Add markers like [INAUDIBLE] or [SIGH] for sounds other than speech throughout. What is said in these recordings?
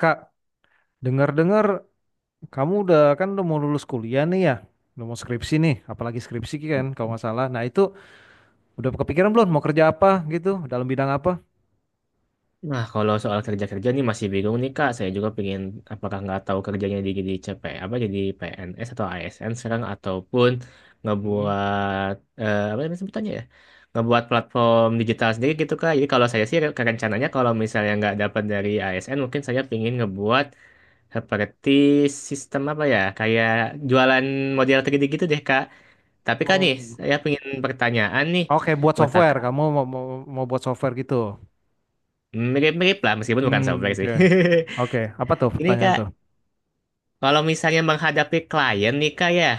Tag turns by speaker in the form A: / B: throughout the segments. A: Kak, dengar-dengar kamu udah kan udah mau lulus kuliah nih ya, udah mau skripsi nih, apalagi skripsi kan kalau nggak salah. Nah itu udah kepikiran belum mau kerja apa gitu, dalam bidang apa?
B: Nah, kalau soal kerja-kerja nih masih bingung nih Kak. Saya juga pengen apakah nggak tahu kerjanya di jadi CP apa jadi PNS atau ASN sekarang ataupun
A: Hmm.
B: ngebuat apa namanya sebutannya ya? Ngebuat platform digital sendiri gitu Kak. Jadi kalau saya sih rencananya kalau misalnya nggak dapat dari ASN mungkin saya pengen ngebuat seperti sistem apa ya? Kayak jualan model 3D gitu deh Kak. Tapi Kak nih,
A: Oh.
B: saya pengen pertanyaan nih
A: Oke, buat
B: buat
A: software.
B: Kakak.
A: Kamu mau buat software gitu.
B: Mirip-mirip lah meskipun bukan
A: Hmm,
B: software
A: oke.
B: sih.
A: Oke, apa tuh
B: [LAUGHS] Ini
A: pertanyaan tuh?
B: Kak, kalau misalnya menghadapi klien nih Kak ya,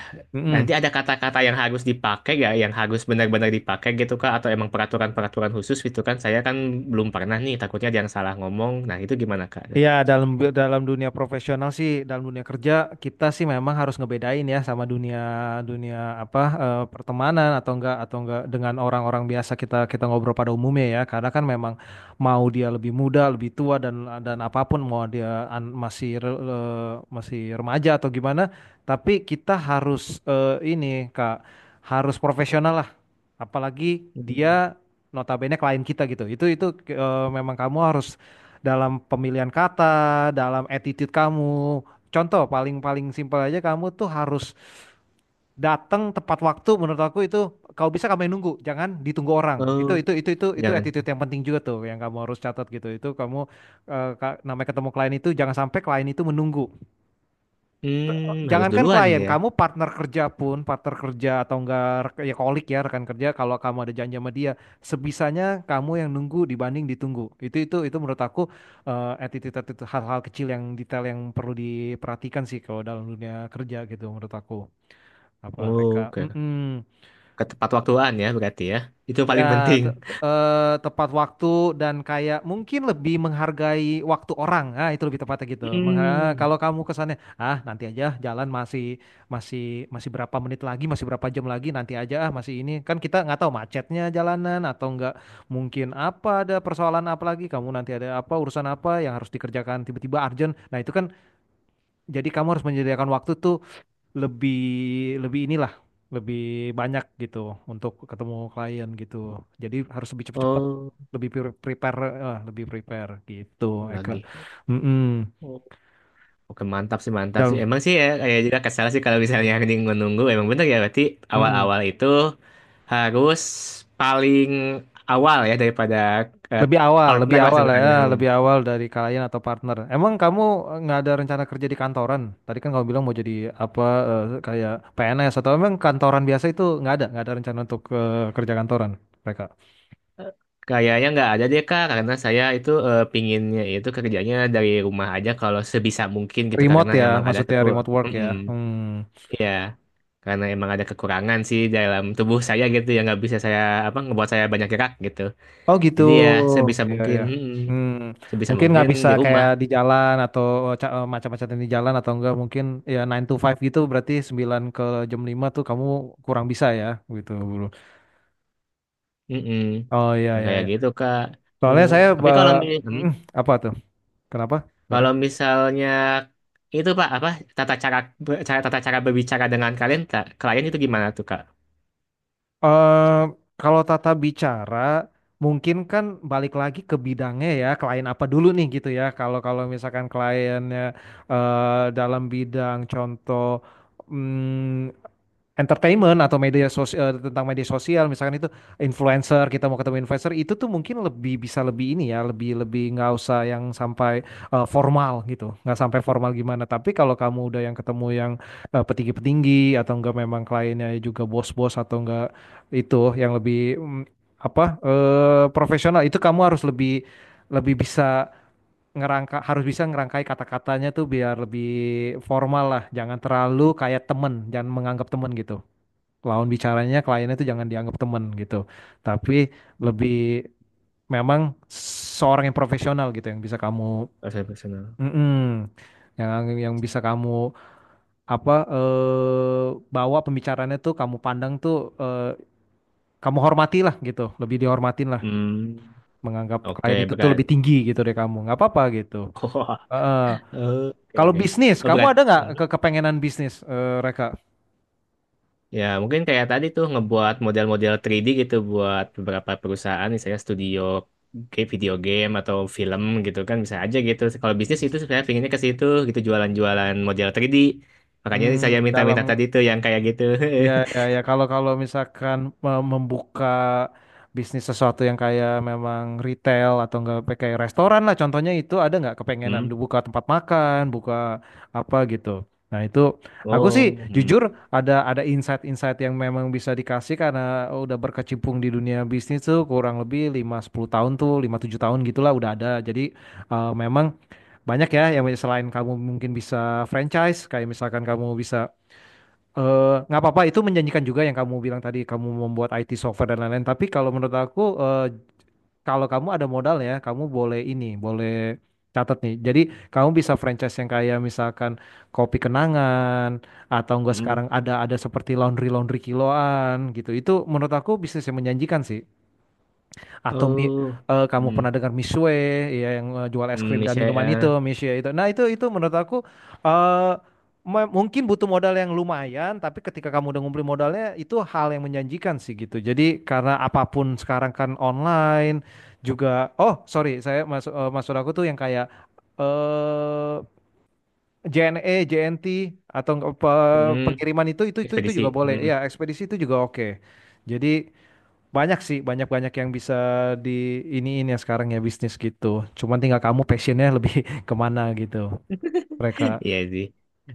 B: nanti
A: Mm-mm.
B: ada kata-kata yang harus dipakai ya, yang harus benar-benar dipakai gitu Kak, atau emang peraturan-peraturan khusus gitu kan? Saya kan belum pernah nih, takutnya ada yang salah ngomong. Nah itu gimana Kak?
A: Iya, dalam dalam dunia profesional sih, dalam dunia kerja kita sih memang harus ngebedain ya sama dunia dunia apa eh, pertemanan atau enggak dengan orang-orang biasa kita kita ngobrol pada umumnya ya. Karena kan memang mau dia lebih muda, lebih tua dan apapun mau dia masih remaja atau gimana, tapi kita harus ini Kak harus profesional lah. Apalagi
B: Hmm.
A: dia notabene klien kita gitu. Memang kamu harus dalam pemilihan kata, dalam attitude kamu. Contoh paling-paling simpel aja kamu tuh harus datang tepat waktu, menurut aku itu kalau bisa kamu yang nunggu, jangan ditunggu orang. Itu
B: Oh,
A: itu itu itu itu
B: jangan.
A: attitude yang penting juga tuh yang kamu harus catat gitu. Itu kamu namanya ketemu klien itu jangan sampai klien itu menunggu. T-
B: Hmm, harus
A: Jangankan
B: duluan
A: klien,
B: ya.
A: kamu partner kerja pun, partner kerja atau enggak, rek- ya kolik ya rekan kerja, kalau kamu ada janji sama dia, sebisanya kamu yang nunggu dibanding ditunggu. Itu menurut aku attitude, hal-hal kecil yang detail yang perlu diperhatikan sih kalau dalam dunia kerja gitu menurut aku. Apa
B: Oh,
A: mereka?
B: oke, ketepat waktuan ya berarti ya. Itu yang paling
A: Ya,
B: penting.
A: tepat waktu dan kayak mungkin lebih menghargai waktu orang. Ah, itu lebih tepatnya gitu.
B: Hmm,
A: Kalau kamu kesannya, ah nanti aja jalan masih masih masih berapa menit lagi, masih berapa jam lagi, nanti aja ah masih ini. Kan kita nggak tahu macetnya jalanan atau nggak, mungkin apa ada persoalan apa lagi, kamu nanti ada apa urusan apa yang harus dikerjakan tiba-tiba urgent. Nah, itu kan jadi kamu harus menyediakan waktu tuh lebih lebih inilah lebih banyak gitu untuk ketemu klien gitu. Jadi harus lebih cepet-cepet,
B: oh
A: prepare, lebih prepare gitu. Eka.
B: lagi.
A: Mm-mm.
B: Oke, mantap sih, mantap sih,
A: Dan
B: emang sih ya kayak juga kesal sih kalau misalnya [LAUGHS] anjing menunggu emang bener ya berarti
A: mm-mm.
B: awal-awal itu harus paling awal ya daripada eh,
A: Lebih
B: partner lah
A: awal
B: sebutannya.
A: ya,
B: Hmm.
A: lebih awal dari klien atau partner. Emang kamu nggak ada rencana kerja di kantoran? Tadi kan kamu bilang mau jadi apa kayak PNS atau emang kantoran biasa itu nggak ada rencana untuk kerja kantoran mereka.
B: Kayaknya nggak ada deh Kak, karena saya itu pinginnya itu kerjanya dari rumah aja kalau sebisa mungkin gitu
A: Remote
B: karena
A: ya,
B: emang ada
A: maksudnya
B: kekur.
A: remote work ya.
B: Mm-mm.
A: Hmm.
B: Iya, karena emang ada kekurangan sih dalam tubuh saya gitu yang nggak bisa saya apa ngebuat saya banyak gerak gitu.
A: Oh gitu.
B: Jadi ya sebisa
A: Iya
B: mungkin,
A: ya.
B: mm-mm,
A: Hmm,
B: sebisa
A: mungkin nggak
B: mungkin
A: bisa
B: di rumah.
A: kayak di jalan atau macam-macam yang di jalan atau enggak, mungkin ya nine to five gitu berarti 9 ke jam 5 tuh kamu kurang bisa ya gitu bro.
B: Mm-mm.
A: Oh iya
B: Nah
A: iya
B: kayak
A: iya.
B: gitu Kak.
A: Soalnya saya
B: Tapi
A: ba- Mm, apa tuh? Kenapa? Sorry.
B: kalau misalnya itu Pak apa tata cara be- cara tata cara berbicara dengan kalian Kak, klien itu gimana tuh Kak?
A: eh Kalau tata bicara mungkin kan balik lagi ke bidangnya ya, klien apa dulu nih gitu ya. Kalau kalau misalkan kliennya dalam bidang contoh hmm, entertainment atau media sosial, tentang media sosial misalkan itu influencer, kita mau ketemu influencer itu tuh mungkin lebih bisa lebih ini ya lebih lebih nggak usah yang sampai formal gitu, nggak sampai formal gimana. Tapi kalau kamu udah yang ketemu yang petinggi-petinggi atau enggak memang kliennya juga bos-bos atau enggak, itu yang lebih profesional, itu kamu harus lebih lebih bisa harus bisa ngerangkai kata-katanya tuh biar lebih formal lah, jangan terlalu kayak temen, jangan menganggap temen gitu, lawan bicaranya kliennya itu jangan dianggap teman gitu, tapi
B: Hmm,
A: lebih memang seorang yang profesional gitu yang bisa kamu
B: bahasa personal.
A: mm-mm, yang yang bisa kamu apa eh, bawa. Pembicaranya tuh kamu pandang tuh eh, kamu hormati lah gitu, lebih dihormatin lah,
B: Hmm,
A: menganggap
B: oke
A: klien itu tuh lebih
B: berat.
A: tinggi gitu dari kamu nggak apa-apa gitu. Heeh.
B: [LAUGHS] Oke,
A: Kalau
B: oke.
A: bisnis
B: Oh, berat.
A: kamu ada nggak ke
B: Hmm.
A: kepengenan bisnis Reka?
B: Ya, mungkin kayak tadi tuh ngebuat model-model 3D gitu buat beberapa perusahaan, misalnya studio kayak video game atau film gitu kan bisa aja gitu. Kalau bisnis itu sebenarnya pinginnya ke situ gitu jualan-jualan model 3D. Makanya ini saya
A: Hmm, dalam
B: minta-minta tadi tuh yang kayak gitu.
A: Ya,
B: [LAUGHS]
A: ya, ya. Kalau kalau misalkan membuka bisnis sesuatu yang kayak memang retail atau enggak kayak restoran lah, contohnya itu ada nggak kepengenan
B: Hmm.
A: buka tempat makan, buka apa gitu. Nah itu aku sih
B: Oh, hmm.
A: jujur ada insight-insight yang memang bisa dikasih karena udah berkecimpung di dunia bisnis tuh kurang lebih lima sepuluh tahun tuh lima tujuh tahun gitulah udah ada. Jadi memang banyak ya, yang selain kamu mungkin bisa franchise kayak misalkan kamu bisa. Eh, nggak apa-apa, itu menjanjikan juga yang kamu bilang tadi kamu membuat IT software dan lain-lain. Tapi kalau menurut aku kalau kamu ada modal ya, kamu boleh ini, boleh catat nih. Jadi kamu bisa franchise yang kayak misalkan kopi kenangan atau enggak
B: Hmm.
A: sekarang ada seperti laundry laundry kiloan gitu, itu menurut aku bisnis yang menjanjikan sih. atau mi,
B: Oh.
A: eh, kamu
B: Hmm.
A: pernah dengar Misue, ya yang jual es
B: Hmm,
A: krim dan
B: misalnya
A: minuman itu, Misue itu. Nah itu menurut aku eh, mungkin butuh modal yang lumayan, tapi ketika kamu udah ngumpulin modalnya itu hal yang menjanjikan sih gitu. Jadi karena apapun sekarang kan online juga. Oh sorry, saya masuk maksud aku tuh yang kayak eh JNE, JNT atau nggak,
B: hmm,
A: pengiriman, itu juga
B: ekspedisi,
A: boleh.
B: hmm.
A: Ya ekspedisi itu juga oke. Jadi banyak sih, banyak-banyak yang bisa di iniin ya sekarang ya bisnis gitu. Cuman tinggal kamu passionnya lebih [LAUGHS] kemana gitu. Mereka
B: Iya sih.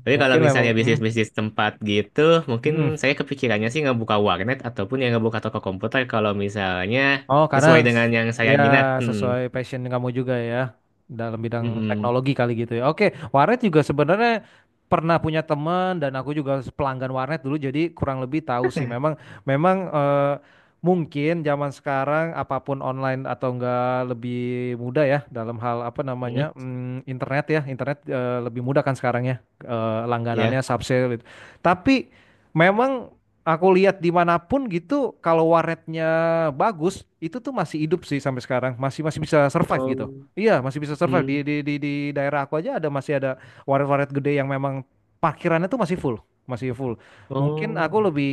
B: Tapi kalau
A: mungkin memang,
B: misalnya
A: hmm,
B: bisnis-bisnis tempat gitu, mungkin
A: mm,
B: saya kepikirannya sih ngebuka warnet ataupun yang ngebuka toko komputer kalau misalnya
A: oh,
B: sesuai
A: karena
B: dengan yang saya minat.
A: ya
B: Hmm.
A: sesuai passion kamu juga ya dalam bidang
B: Mm-mm.
A: teknologi kali gitu ya. Oke, warnet juga sebenarnya pernah punya teman dan aku juga pelanggan warnet dulu, jadi kurang lebih tahu sih. Memang
B: [LAUGHS]
A: memang eh, mungkin zaman sekarang apapun online atau enggak lebih mudah ya dalam hal apa
B: Hmm.
A: namanya mm, internet ya. Internet lebih mudah kan sekarang ya
B: Ya.
A: langganannya subsale itu. Tapi memang, aku lihat dimanapun gitu, kalau warnetnya bagus, itu tuh masih hidup sih sampai sekarang, masih masih bisa survive gitu.
B: Oh.
A: Iya, masih bisa survive di
B: Hmm.
A: di daerah aku aja ada, masih ada warnet-warnet gede yang memang parkirannya tuh masih full, masih full. Mungkin aku
B: Oh.
A: lebih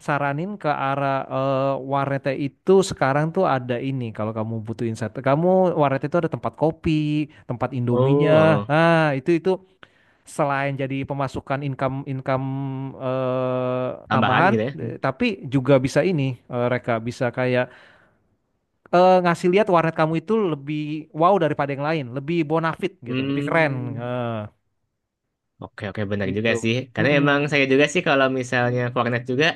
A: saranin ke arah warnetnya itu sekarang tuh ada ini kalau kamu butuh insight. Kamu, warnet itu ada tempat kopi, tempat
B: Oh,
A: Indominya.
B: oh.
A: Nah, itu selain jadi pemasukan income income eh,
B: Tambahan
A: tambahan,
B: gitu ya. Hmm.
A: tapi juga bisa ini Reka bisa kayak ngasih lihat warnet kamu itu lebih wow daripada yang lain, lebih bonafit gitu, lebih keren
B: Hmm.
A: eh,
B: Oke, oke benar
A: gitu.
B: juga sih. Karena emang
A: Mm-mm.
B: saya juga sih kalau misalnya ke warnet juga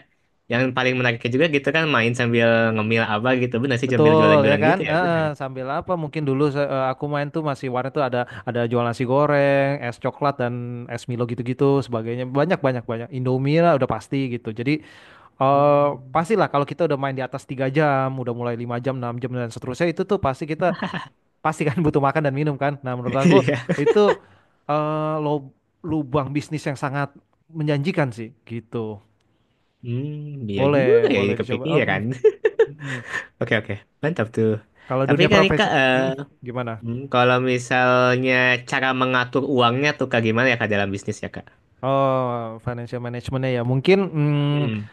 B: yang paling menariknya juga gitu kan main sambil ngemil apa gitu. Benar sih sambil
A: Betul ya
B: jualan-jualan gitu
A: kan?
B: ya,
A: Heeh,
B: benar.
A: sambil apa? Mungkin dulu aku main tuh masih warnet tuh ada jual nasi goreng, es coklat dan es Milo gitu-gitu sebagainya. Banyak banyak banyak. Indomie lah udah pasti gitu. Jadi Eh
B: Hmm.
A: pastilah kalau kita udah main di atas 3 jam, udah mulai 5 jam, 6 jam dan seterusnya itu tuh pasti kita
B: [LAUGHS]
A: pasti kan [LAUGHS] butuh makan dan minum kan. Nah, menurut aku
B: Iya.
A: itu eh lo- lubang bisnis yang sangat menjanjikan sih gitu.
B: Hmm, iya juga
A: Boleh,
B: ya
A: boleh
B: jadi
A: dicoba. Eh, mm,
B: kepikiran.
A: mm. mm.
B: [LAUGHS] Oke, oke. Mantap tuh.
A: Kalau
B: Tapi
A: dunia
B: kan
A: profesi
B: Kak,
A: mm, gimana?
B: hmm, kalau misalnya cara mengatur uangnya tuh Kak gimana ya Kak dalam bisnis ya Kak?
A: Oh, financial managementnya ya mungkin mm,
B: Hmm,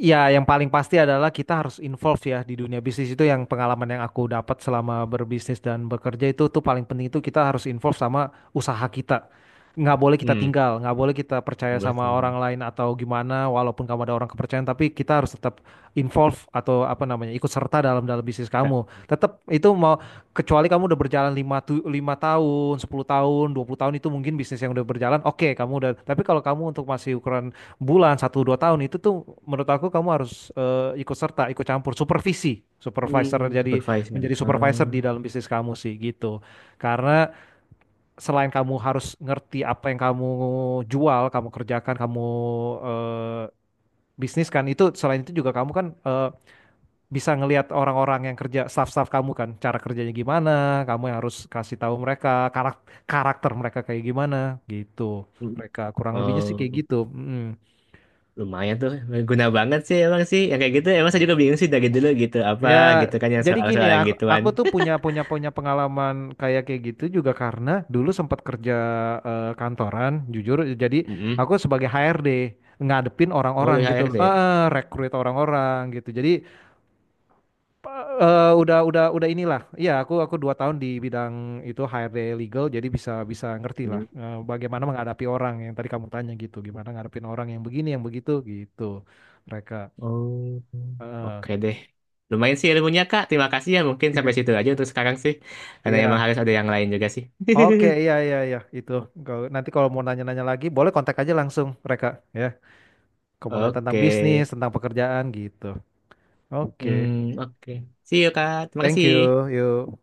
A: ya, yang paling pasti adalah kita harus involve ya di dunia bisnis itu. Yang pengalaman yang aku dapat selama berbisnis dan bekerja itu tuh paling penting itu kita harus involve sama usaha kita. Nggak boleh kita
B: hmm.
A: tinggal, nggak boleh kita percaya
B: 15
A: sama
B: triliun.
A: orang lain atau gimana, walaupun kamu ada orang kepercayaan tapi kita harus tetap involve atau apa namanya, ikut serta dalam dalam bisnis
B: Kak.
A: kamu. Tetap itu mau, kecuali kamu udah berjalan 5 lima tahun, 10 tahun, 20 tahun, itu mungkin bisnis yang udah berjalan, oke kamu udah. Tapi kalau kamu untuk masih ukuran bulan satu dua tahun itu tuh menurut aku kamu harus ikut serta, ikut campur, supervisi, supervisor,
B: Hmm,
A: jadi
B: supervise ya.
A: menjadi supervisor
B: Hmm,
A: di dalam bisnis kamu sih gitu. Karena selain kamu harus ngerti apa yang kamu jual, kamu kerjakan, kamu eh, bisnis kan itu, selain itu juga kamu kan bisa ngelihat orang-orang yang kerja, staff-staff kamu kan cara kerjanya gimana, kamu yang harus kasih tahu mereka karakter mereka kayak gimana gitu
B: hmm.
A: mereka kurang lebihnya sih
B: Oh,
A: kayak gitu. Mm.
B: lumayan tuh. Guna banget sih emang sih. Yang kayak gitu emang saya juga bingung sih dari dulu gitu. Apa
A: Ya,
B: gitu kan yang
A: jadi gini
B: soal-soal
A: ya,
B: yang
A: aku,
B: gituan.
A: aku tuh
B: [LAUGHS]
A: punya punya punya pengalaman kayak kayak gitu juga, karena dulu sempat kerja kantoran, jujur. Jadi
B: Hmm.
A: aku sebagai HRD ngadepin
B: Oh,
A: orang-orang
B: dari
A: gitu loh.
B: HRD.
A: Eh, rekrut orang-orang gitu. Jadi udah inilah. Iya, aku dua tahun di bidang itu, HRD legal, jadi bisa bisa ngerti lah bagaimana menghadapi orang yang tadi kamu tanya gitu, gimana ngadepin orang yang begini yang begitu gitu mereka.
B: Oh,
A: Eh,
B: oke deh. Lumayan sih ilmunya, Kak. Terima kasih ya. Mungkin sampai
A: iya.
B: situ aja untuk sekarang sih. Karena emang
A: Iya,
B: harus ada yang lain juga sih.
A: oke, iya iya iya itu. Kalau- Nanti kalau mau nanya-nanya lagi, boleh kontak aja langsung mereka ya. Kalau
B: [LAUGHS]
A: mau nanya tentang
B: Oke.
A: bisnis, tentang pekerjaan gitu. Oke,
B: Hmm, oke. See you, Kak. Terima
A: thank you,
B: kasih.
A: yuk.